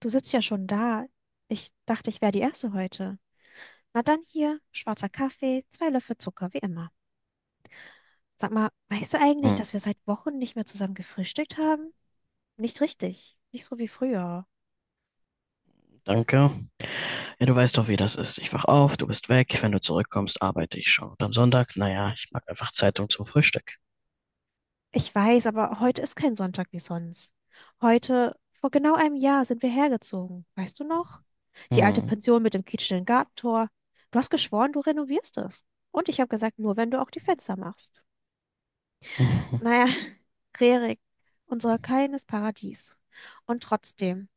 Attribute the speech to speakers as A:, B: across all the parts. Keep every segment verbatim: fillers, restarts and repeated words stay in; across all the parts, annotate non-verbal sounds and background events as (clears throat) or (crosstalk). A: Du sitzt ja schon da. Ich dachte, ich wäre die Erste heute. Na dann hier, schwarzer Kaffee, zwei Löffel Zucker, wie immer. Sag mal, weißt du eigentlich,
B: Hm,
A: dass wir seit Wochen nicht mehr zusammen gefrühstückt haben? Nicht richtig. Nicht so wie früher.
B: danke. Ja, du weißt doch, wie das ist. Ich wach auf, du bist weg. Wenn du zurückkommst, arbeite ich schon. Und am Sonntag, naja, ich mag einfach Zeitung zum Frühstück.
A: Ich weiß, aber heute ist kein Sonntag wie sonst. Heute, vor genau einem Jahr, sind wir hergezogen. Weißt du noch? Die alte
B: Hm.
A: Pension mit dem quietschenden Gartentor. Du hast geschworen, du renovierst es. Und ich habe gesagt, nur wenn du auch die Fenster machst. Naja,
B: (laughs)
A: (laughs) Rerik, unser kleines Paradies. Und trotzdem,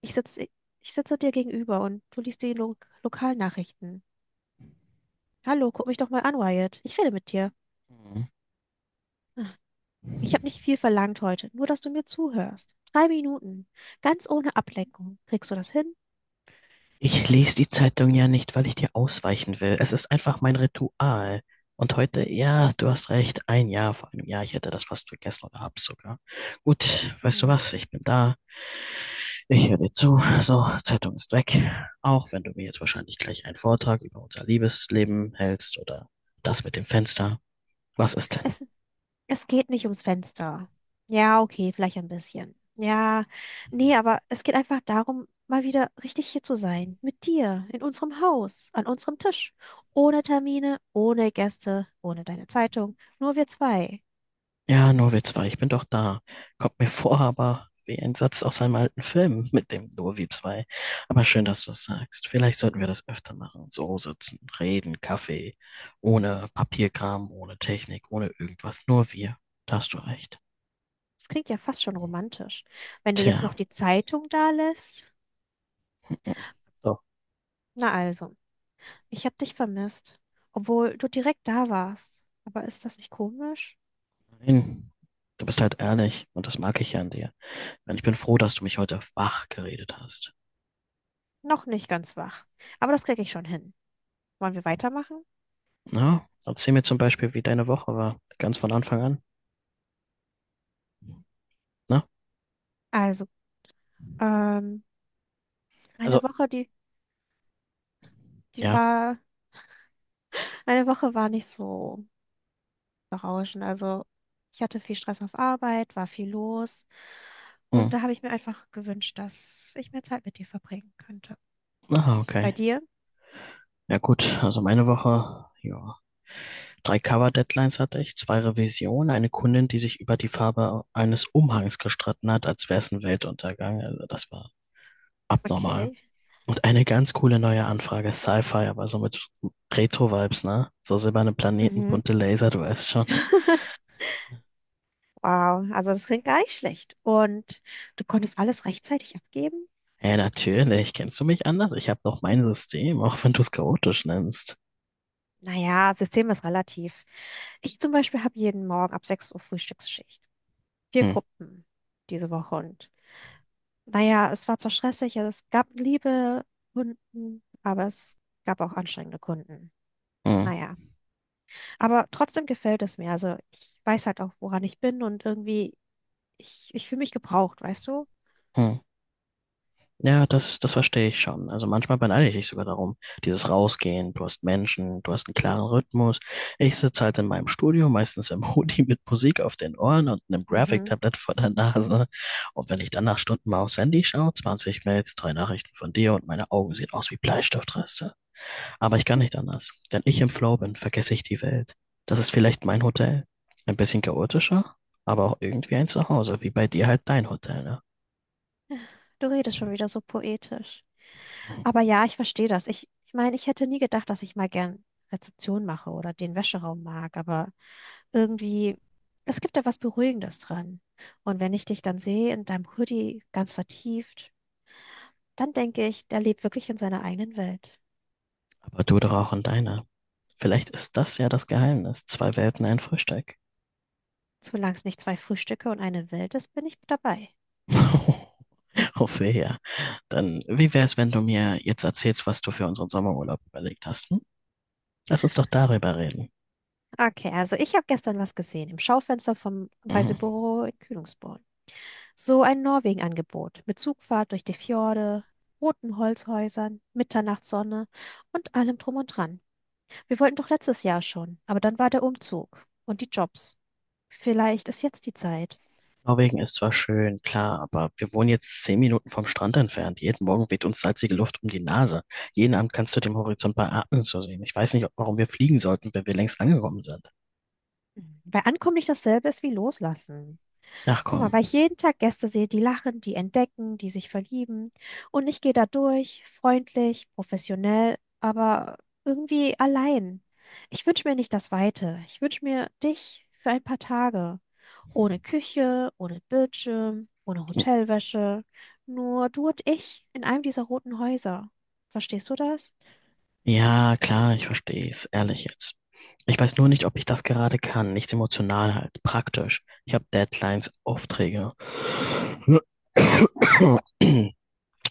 A: ich sitze, ich sitze dir gegenüber und du liest die Lo Lokalnachrichten. Hallo, guck mich doch mal an, Wyatt. Ich rede mit dir. Ich habe nicht viel verlangt heute, nur dass du mir zuhörst. Drei Minuten, ganz ohne Ablenkung. Kriegst du das hin?
B: Ich lese die Zeitung ja nicht, weil ich dir ausweichen will. Es ist einfach mein Ritual. Und heute, ja, du hast recht, ein Jahr vor einem Jahr, ich hätte das fast vergessen oder hab's sogar. Gut, weißt du
A: Hm.
B: was, ich bin da. Ich höre dir zu. So, Zeitung ist weg. Auch wenn du mir jetzt wahrscheinlich gleich einen Vortrag über unser Liebesleben hältst oder das mit dem Fenster. Was ist denn?
A: Es, Es geht nicht ums Fenster. Ja, okay, vielleicht ein bisschen. Ja, nee, aber es geht einfach darum, mal wieder richtig hier zu sein. Mit dir, in unserem Haus, an unserem Tisch. Ohne Termine, ohne Gäste, ohne deine Zeitung. Nur wir zwei.
B: Ja, Nurwitz war, ich bin doch da. Kommt mir vor, aber wie ein Satz aus einem alten Film mit dem Nurwitz war. Aber schön, dass du es sagst. Vielleicht sollten wir das öfter machen. So sitzen, reden, Kaffee. Ohne Papierkram, ohne Technik, ohne irgendwas. Nur wir. Da hast du recht.
A: Das klingt ja fast schon romantisch. Wenn du jetzt noch
B: Tja.
A: die Zeitung da lässt.
B: So.
A: Na also, ich hab dich vermisst, obwohl du direkt da warst. Aber ist das nicht komisch?
B: Nein. Du bist halt ehrlich und das mag ich ja an dir. Mann, ich bin froh, dass du mich heute wach geredet hast.
A: Noch nicht ganz wach. Aber das krieg ich schon hin. Wollen wir weitermachen?
B: Na, erzähl mir zum Beispiel, wie deine Woche war, ganz von Anfang an. Na,
A: Also, ähm. eine
B: also,
A: Woche, die, die
B: ja.
A: war, eine Woche war nicht so berauschend. Also ich hatte viel Stress auf Arbeit, war viel los.
B: Hm.
A: Und da habe ich mir einfach gewünscht, dass ich mehr Zeit mit dir verbringen könnte.
B: Aha,
A: Bei
B: okay.
A: dir?
B: Ja gut, also meine Woche, ja. Drei Cover-Deadlines hatte ich, zwei Revisionen, eine Kundin, die sich über die Farbe eines Umhangs gestritten hat, als wäre es ein Weltuntergang. Also das war abnormal.
A: Okay.
B: Und eine ganz coole neue Anfrage, Sci-Fi, aber so mit Retro-Vibes, ne? So silberne Planeten,
A: Mhm.
B: bunte Laser, du weißt schon.
A: (laughs) Wow, also das klingt gar nicht schlecht. Und du konntest alles rechtzeitig abgeben?
B: Ja, natürlich. Kennst du mich anders? Ich habe doch mein System, auch wenn du es chaotisch nennst.
A: Naja, System ist relativ. Ich zum Beispiel habe jeden Morgen ab sechs Uhr Frühstücksschicht. Vier
B: Hm,
A: Gruppen diese Woche und naja, es war zwar stressig, also es gab liebe Kunden, aber es gab auch anstrengende Kunden.
B: hm,
A: Naja, aber trotzdem gefällt es mir. Also ich weiß halt auch, woran ich bin und irgendwie, ich, ich fühle mich gebraucht, weißt du?
B: hm. Ja, das, das verstehe ich schon. Also manchmal beneide ich dich sogar darum. Dieses Rausgehen, du hast Menschen, du hast einen klaren Rhythmus. Ich sitze halt in meinem Studio, meistens im Hoodie mit Musik auf den Ohren und einem
A: Mhm.
B: Graphic-Tablet vor der Nase. Und wenn ich dann nach Stunden mal aufs Handy schaue, zwanzig Mails, drei Nachrichten von dir und meine Augen sehen aus wie Bleistiftreste. Aber ich kann nicht anders. Wenn ich im Flow bin, vergesse ich die Welt. Das ist vielleicht mein Hotel. Ein bisschen chaotischer, aber auch irgendwie ein Zuhause, wie bei dir halt dein Hotel, ne?
A: Du redest schon wieder so poetisch.
B: Mhm.
A: Aber ja, ich verstehe das. Ich, ich meine, ich hätte nie gedacht, dass ich mal gern Rezeption mache oder den Wäscheraum mag, aber irgendwie, es gibt da was Beruhigendes dran. Und wenn ich dich dann sehe in deinem Hoodie ganz vertieft, dann denke ich, der lebt wirklich in seiner eigenen Welt.
B: Aber du doch auch in deiner. Vielleicht ist das ja das Geheimnis. Zwei Welten, ein Frühstück.
A: Solange es nicht zwei Frühstücke und eine Welt ist, bin ich dabei.
B: (laughs) Hoffe ja. Dann, wie wär's, wenn du mir jetzt erzählst, was du für unseren Sommerurlaub überlegt hast? Hm? Lass uns doch darüber reden.
A: Okay, also ich habe gestern was gesehen im Schaufenster vom
B: Mhm.
A: Reisebüro in Kühlungsborn. So ein Norwegen-Angebot mit Zugfahrt durch die Fjorde, roten Holzhäusern, Mitternachtssonne und allem drum und dran. Wir wollten doch letztes Jahr schon, aber dann war der Umzug und die Jobs. Vielleicht ist jetzt die Zeit.
B: Norwegen ist zwar schön, klar, aber wir wohnen jetzt zehn Minuten vom Strand entfernt. Jeden Morgen weht uns salzige Luft um die Nase. Jeden Abend kannst du den Horizont bei Atmen so sehen. Ich weiß nicht, warum wir fliegen sollten, wenn wir längst angekommen sind.
A: Bei Ankommen nicht dasselbe ist wie Loslassen.
B: Ach
A: Guck mal,
B: komm.
A: weil ich jeden Tag Gäste sehe, die lachen, die entdecken, die sich verlieben. Und ich gehe da durch, freundlich, professionell, aber irgendwie allein. Ich wünsche mir nicht das Weite. Ich wünsche mir dich für ein paar Tage. Ohne Küche, ohne Bildschirm, ohne Hotelwäsche. Nur du und ich in einem dieser roten Häuser. Verstehst du das?
B: Ja, klar, ich verstehe es. Ehrlich jetzt. Ich weiß nur nicht, ob ich das gerade kann. Nicht emotional halt. Praktisch. Ich habe Deadlines, Aufträge. Und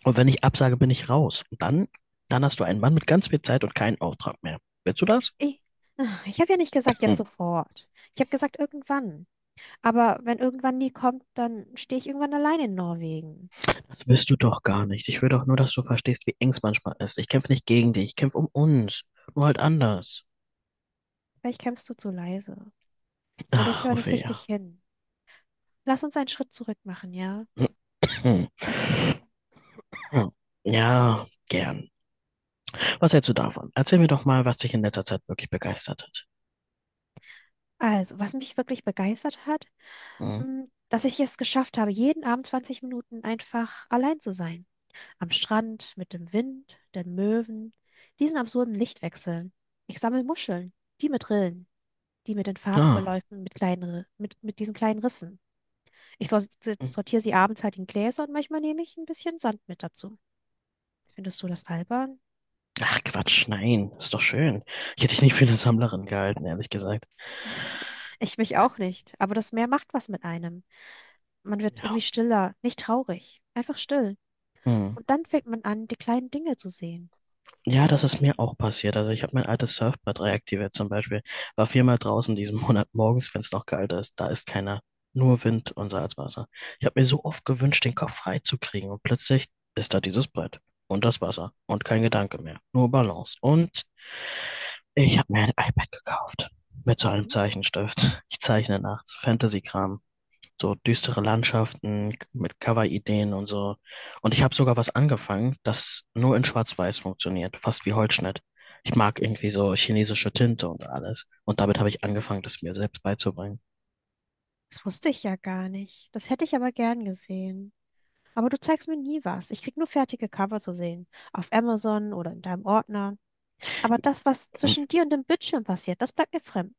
B: wenn ich absage, bin ich raus. Und dann, dann hast du einen Mann mit ganz viel Zeit und keinen Auftrag mehr. Willst du das?
A: Ich, ah, ich habe ja nicht gesagt jetzt sofort. Ich habe gesagt irgendwann. Aber wenn irgendwann nie kommt, dann stehe ich irgendwann allein in Norwegen.
B: Das willst du doch gar nicht. Ich will doch nur, dass du verstehst, wie eng es manchmal ist. Ich kämpfe nicht gegen dich, ich kämpfe um uns. Nur halt anders.
A: Vielleicht kämpfst du zu leise. Oder ich
B: Ach,
A: höre nicht richtig
B: Ophelia.
A: hin. Lass uns einen Schritt zurück machen, ja?
B: (clears throat) Ja, gern. Was hältst du davon? Erzähl mir doch mal, was dich in letzter Zeit wirklich begeistert hat.
A: Also, was mich wirklich begeistert hat,
B: Hm?
A: mh, dass ich es geschafft habe, jeden Abend zwanzig Minuten einfach allein zu sein. Am Strand, mit dem Wind, den Möwen, diesen absurden Lichtwechseln. Ich sammle Muscheln, die mit Rillen, die mit den
B: Ah.
A: Farbverläufen, mit kleinen, Ri- mit, mit diesen kleinen Rissen. Ich sor- sortiere sie abends halt in Gläser und manchmal nehme ich ein bisschen Sand mit dazu. Findest du das albern?
B: Ach, Quatsch, nein. Ist doch schön. Ich hätte dich nicht für eine Sammlerin gehalten, ehrlich gesagt.
A: Ich mich auch nicht, aber das Meer macht was mit einem. Man wird irgendwie
B: Ja.
A: stiller, nicht traurig, einfach still.
B: Hm.
A: Und dann fängt man an, die kleinen Dinge zu sehen.
B: Ja, das ist mir auch passiert. Also ich habe mein altes Surfbrett reaktiviert zum Beispiel. War viermal draußen diesen (laughs) Monat morgens, wenn es noch kalt ist. Da ist keiner. Nur Wind und Salzwasser. Ich habe mir so oft gewünscht, den Kopf frei zu kriegen. Und plötzlich ist da dieses Brett. Und das Wasser. Und kein Gedanke mehr. Nur Balance. Und ich habe mir ein iPad gekauft. Mit so einem
A: Mhm.
B: Zeichenstift. (laughs) Ich zeichne nachts Fantasy-Kram, so düstere Landschaften mit Cover-Ideen und so. Und ich habe sogar was angefangen, das nur in Schwarz-Weiß funktioniert, fast wie Holzschnitt. Ich mag irgendwie so chinesische Tinte und alles. Und damit habe ich angefangen, das mir selbst beizubringen.
A: Das wusste ich ja gar nicht. Das hätte ich aber gern gesehen. Aber du zeigst mir nie was. Ich krieg nur fertige Cover zu sehen. Auf Amazon oder in deinem Ordner. Aber das, was zwischen dir und dem Bildschirm passiert, das bleibt mir fremd.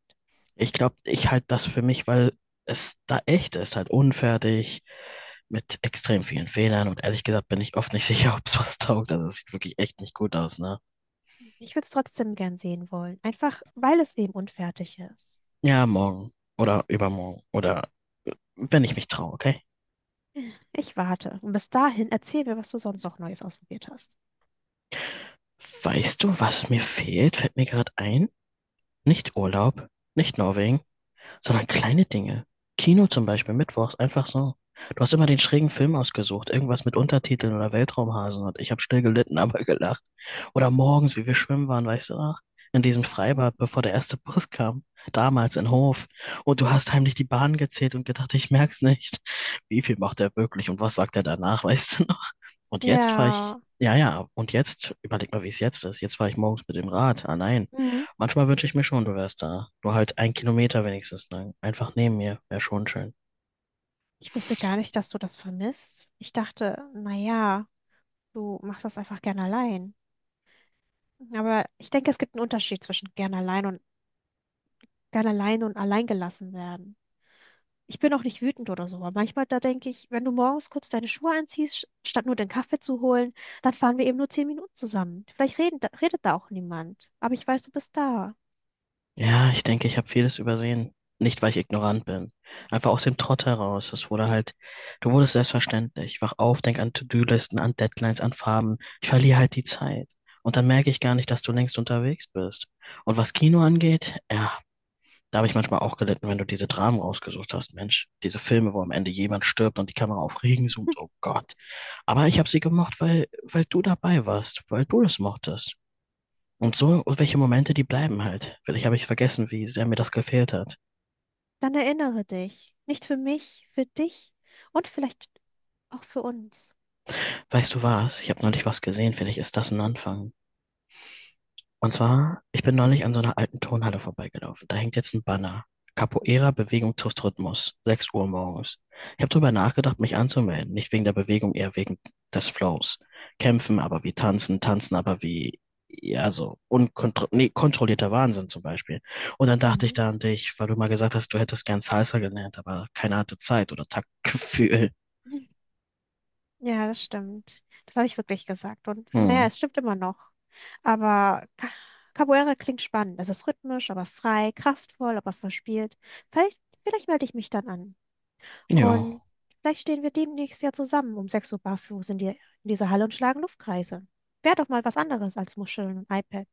B: Ich glaube, ich halte das für mich, weil es da echt ist, halt unfertig, mit extrem vielen Fehlern. Und ehrlich gesagt bin ich oft nicht (laughs) sicher, ob es was taugt. Also es sieht wirklich echt nicht gut aus, ne?
A: Ich würde es trotzdem gern sehen wollen. Einfach, weil es eben unfertig ist.
B: Ja, morgen oder übermorgen oder wenn ich mich traue, okay?
A: Ich warte. Und bis dahin erzähl mir, was du sonst noch Neues ausprobiert hast.
B: Weißt du, was mir
A: Mhm.
B: fehlt? Fällt mir gerade ein. Nicht Urlaub, nicht Norwegen, sondern kleine Dinge. Kino zum Beispiel, mittwochs, einfach so. Du hast immer den schrägen Film ausgesucht, irgendwas mit Untertiteln oder Weltraumhasen und ich habe still gelitten, (laughs) aber gelacht. Oder morgens, wie wir schwimmen waren, weißt du noch? In diesem Freibad, bevor der erste Bus kam, damals in Hof. Und du hast heimlich die Bahn gezählt und gedacht, ich merk's nicht. Wie viel macht er wirklich und was sagt er danach, (laughs) weißt du, und jetzt fahre ich,
A: Ja.
B: ja, ja, und jetzt, überleg mal, wie es jetzt ist. Jetzt fahre ich morgens mit dem Rad. Ah, nein.
A: Mhm.
B: Manchmal wünsche ich mir schon, du wärst da. Nur halt ein Kilometer wenigstens lang. Einfach neben mir. Wäre schon schön.
A: Ich wusste gar nicht, dass du das vermisst. Ich dachte, na ja, du machst das einfach gern allein. Aber ich denke, es gibt einen Unterschied zwischen gern allein und gern allein und allein gelassen werden. Ich bin auch nicht wütend oder so, aber manchmal da denke ich, wenn du morgens kurz deine Schuhe anziehst, statt nur den Kaffee zu holen, dann fahren wir eben nur zehn Minuten zusammen. Vielleicht reden, da- redet da auch niemand, aber ich weiß, du bist da.
B: Ja, ich denke, ich habe vieles übersehen. Nicht, weil ich ignorant bin. Einfach aus dem Trott heraus. Es wurde halt, du wurdest selbstverständlich. Ich wach auf, denk an To-Do-Listen, an Deadlines, an Farben. Ich verliere halt die Zeit. Und dann merke ich gar nicht, dass du längst unterwegs bist. Und was Kino angeht, ja, da habe ich manchmal auch gelitten, wenn du diese Dramen rausgesucht hast, Mensch. Diese Filme, wo am Ende jemand stirbt und die Kamera auf Regen zoomt. Oh Gott. Aber ich habe sie gemocht, weil, weil du dabei warst, weil du das mochtest. Und so, und welche Momente, die bleiben halt. Vielleicht habe ich vergessen, wie sehr mir das gefehlt hat.
A: Dann erinnere dich. Nicht für mich, für dich und vielleicht auch für uns.
B: Weißt du was? Ich habe neulich was gesehen. Vielleicht ist das ein Anfang. Und zwar, ich bin neulich an so einer alten Turnhalle vorbeigelaufen. Da hängt jetzt ein Banner. Capoeira, Bewegung trifft Rhythmus. sechs Uhr morgens. Ich habe darüber nachgedacht, mich anzumelden. Nicht wegen der Bewegung, eher wegen des Flows. Kämpfen, aber wie tanzen, tanzen, aber wie, ja, so unkontro nee, kontrollierter Wahnsinn zum Beispiel. Und dann dachte ich
A: Mhm.
B: da an dich, weil du mal gesagt hast, du hättest gern Salsa gelernt, aber keine hatte Zeit oder Taktgefühl.
A: Ja, das stimmt. Das habe ich wirklich gesagt. Und naja,
B: Hm.
A: es stimmt immer noch. Aber Ca- Capoeira klingt spannend. Es ist rhythmisch, aber frei, kraftvoll, aber verspielt. Vielleicht, vielleicht melde ich mich dann an.
B: Ja.
A: Und vielleicht stehen wir demnächst ja zusammen um sechs Uhr barfuß in, die, in dieser Halle und schlagen Luftkreise. Wäre doch mal was anderes als Muscheln und iPad.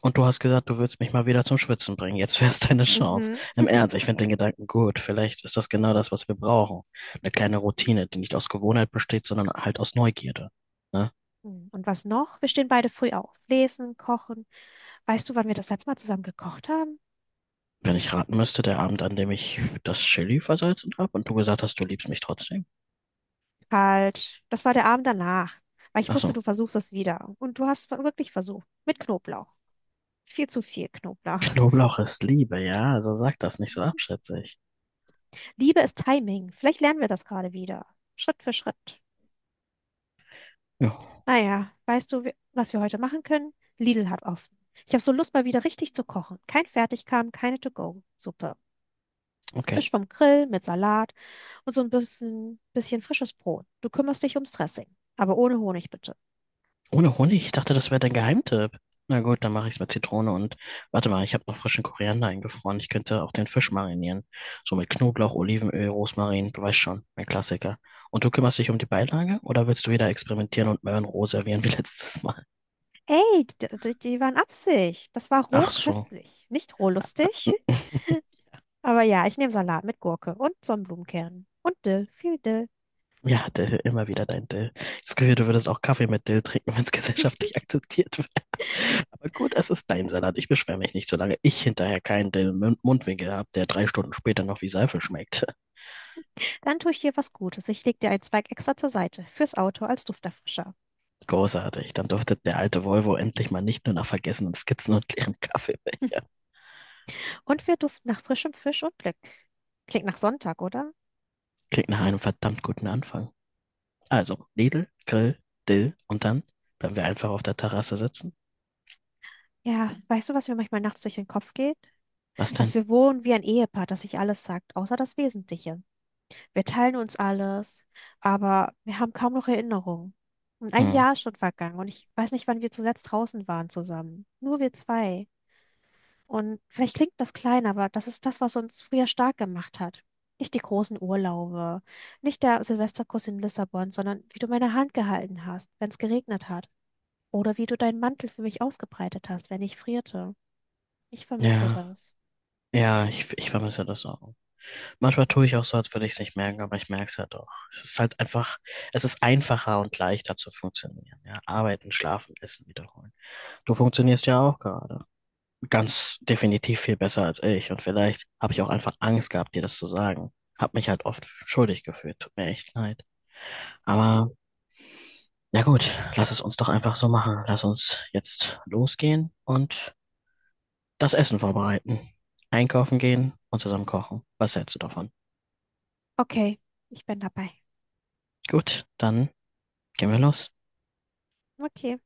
B: Und du hast gesagt, du würdest mich mal wieder zum Schwitzen bringen. Jetzt wär's deine Chance.
A: Mhm.
B: Im Ernst, ich finde den Gedanken gut. Vielleicht ist das genau das, was wir brauchen. Eine kleine Routine, die nicht aus Gewohnheit besteht, sondern halt aus Neugierde. Ne?
A: Hm, und was noch? Wir stehen beide früh auf. Lesen, kochen. Weißt du, wann wir das letzte Mal zusammen gekocht haben?
B: Wenn ich raten müsste, der Abend, an dem ich das Chili versalzen habe und du gesagt hast, du liebst mich trotzdem.
A: Falsch. Das war der Abend danach. Weil ich
B: Ach
A: wusste,
B: so.
A: du versuchst es wieder. Und du hast wirklich versucht. Mit Knoblauch. Viel zu viel Knoblauch. (laughs)
B: Knoblauch ist Liebe, ja. Also sag das nicht so abschätzig.
A: Liebe ist Timing. Vielleicht lernen wir das gerade wieder. Schritt für Schritt.
B: Ja,
A: Naja, weißt du, wi- was wir heute machen können? Lidl hat offen. Ich habe so Lust, mal wieder richtig zu kochen. Kein Fertigkram, keine To-Go-Suppe.
B: okay.
A: Fisch vom Grill mit Salat und so ein bisschen, bisschen frisches Brot. Du kümmerst dich ums Dressing. Aber ohne Honig bitte.
B: Ohne Honig? Ich dachte, das wäre dein Geheimtipp. Na gut, dann mache ich es mit Zitrone und warte mal, ich habe noch frischen Koriander eingefroren. Ich könnte auch den Fisch marinieren. So mit Knoblauch, Olivenöl, Rosmarin, du weißt schon, mein Klassiker. Und du kümmerst dich um die Beilage oder willst du wieder experimentieren und Möhrenroh servieren wie (laughs) letztes Mal?
A: Ey, die, die waren Absicht. Das war roh
B: Ach so.
A: köstlich, nicht roh lustig.
B: Hm,
A: Aber ja, ich nehme Salat mit Gurke und Sonnenblumenkernen. Und Dill, viel Dill.
B: ja, Dill, immer wieder dein Dill. Das Gefühl, du würdest auch Kaffee mit Dill trinken, wenn es (laughs) gesellschaftlich akzeptiert wäre. Aber gut, es ist dein Salat. Ich beschwere mich nicht, solange ich hinterher keinen Dill im Mund- Mundwinkel habe, der drei Stunden später noch wie Seife schmeckt.
A: Dann tue ich dir was Gutes. Ich leg dir einen Zweig extra zur Seite, fürs Auto als Dufterfrischer.
B: Großartig. Dann durfte der alte Volvo endlich mal nicht nur nach vergessenen Skizzen und leeren Kaffeebecher.
A: (laughs) Und wir duften nach frischem Fisch und Glück. Klingt nach Sonntag, oder?
B: Klingt nach einem verdammt guten Anfang. Also, Lidl, Grill, Dill, und dann bleiben wir einfach auf der Terrasse sitzen.
A: Ja, weißt du, was mir manchmal nachts durch den Kopf geht?
B: Was
A: Dass
B: denn?
A: wir wohnen wie ein Ehepaar, das sich alles sagt, außer das Wesentliche. Wir teilen uns alles, aber wir haben kaum noch Erinnerungen. Und ein
B: Hm.
A: Jahr ist schon vergangen und ich weiß nicht, wann wir zuletzt draußen waren zusammen. Nur wir zwei. Und vielleicht klingt das klein, aber das ist das, was uns früher stark gemacht hat. Nicht die großen Urlaube, nicht der Silvesterkuss in Lissabon, sondern wie du meine Hand gehalten hast, wenn es geregnet hat. Oder wie du deinen Mantel für mich ausgebreitet hast, wenn ich frierte. Ich vermisse
B: Ja,
A: das.
B: ja, ich, ich vermisse das auch. Manchmal tue ich auch so, als würde ich es nicht merken, aber ich merke es ja doch. Es ist halt einfach, es ist einfacher und leichter zu funktionieren. Ja, arbeiten, schlafen, essen, wiederholen. Du funktionierst ja auch gerade ganz definitiv viel besser als ich. Und vielleicht habe ich auch einfach Angst gehabt, dir das zu sagen. Hab mich halt oft schuldig gefühlt. Tut mir echt leid. Aber ja gut, lass es uns doch einfach so machen. Lass uns jetzt losgehen und das Essen vorbereiten. Einkaufen gehen und zusammen kochen. Was hältst du davon?
A: Okay, ich bin dabei.
B: Gut, dann gehen wir los.
A: Okay.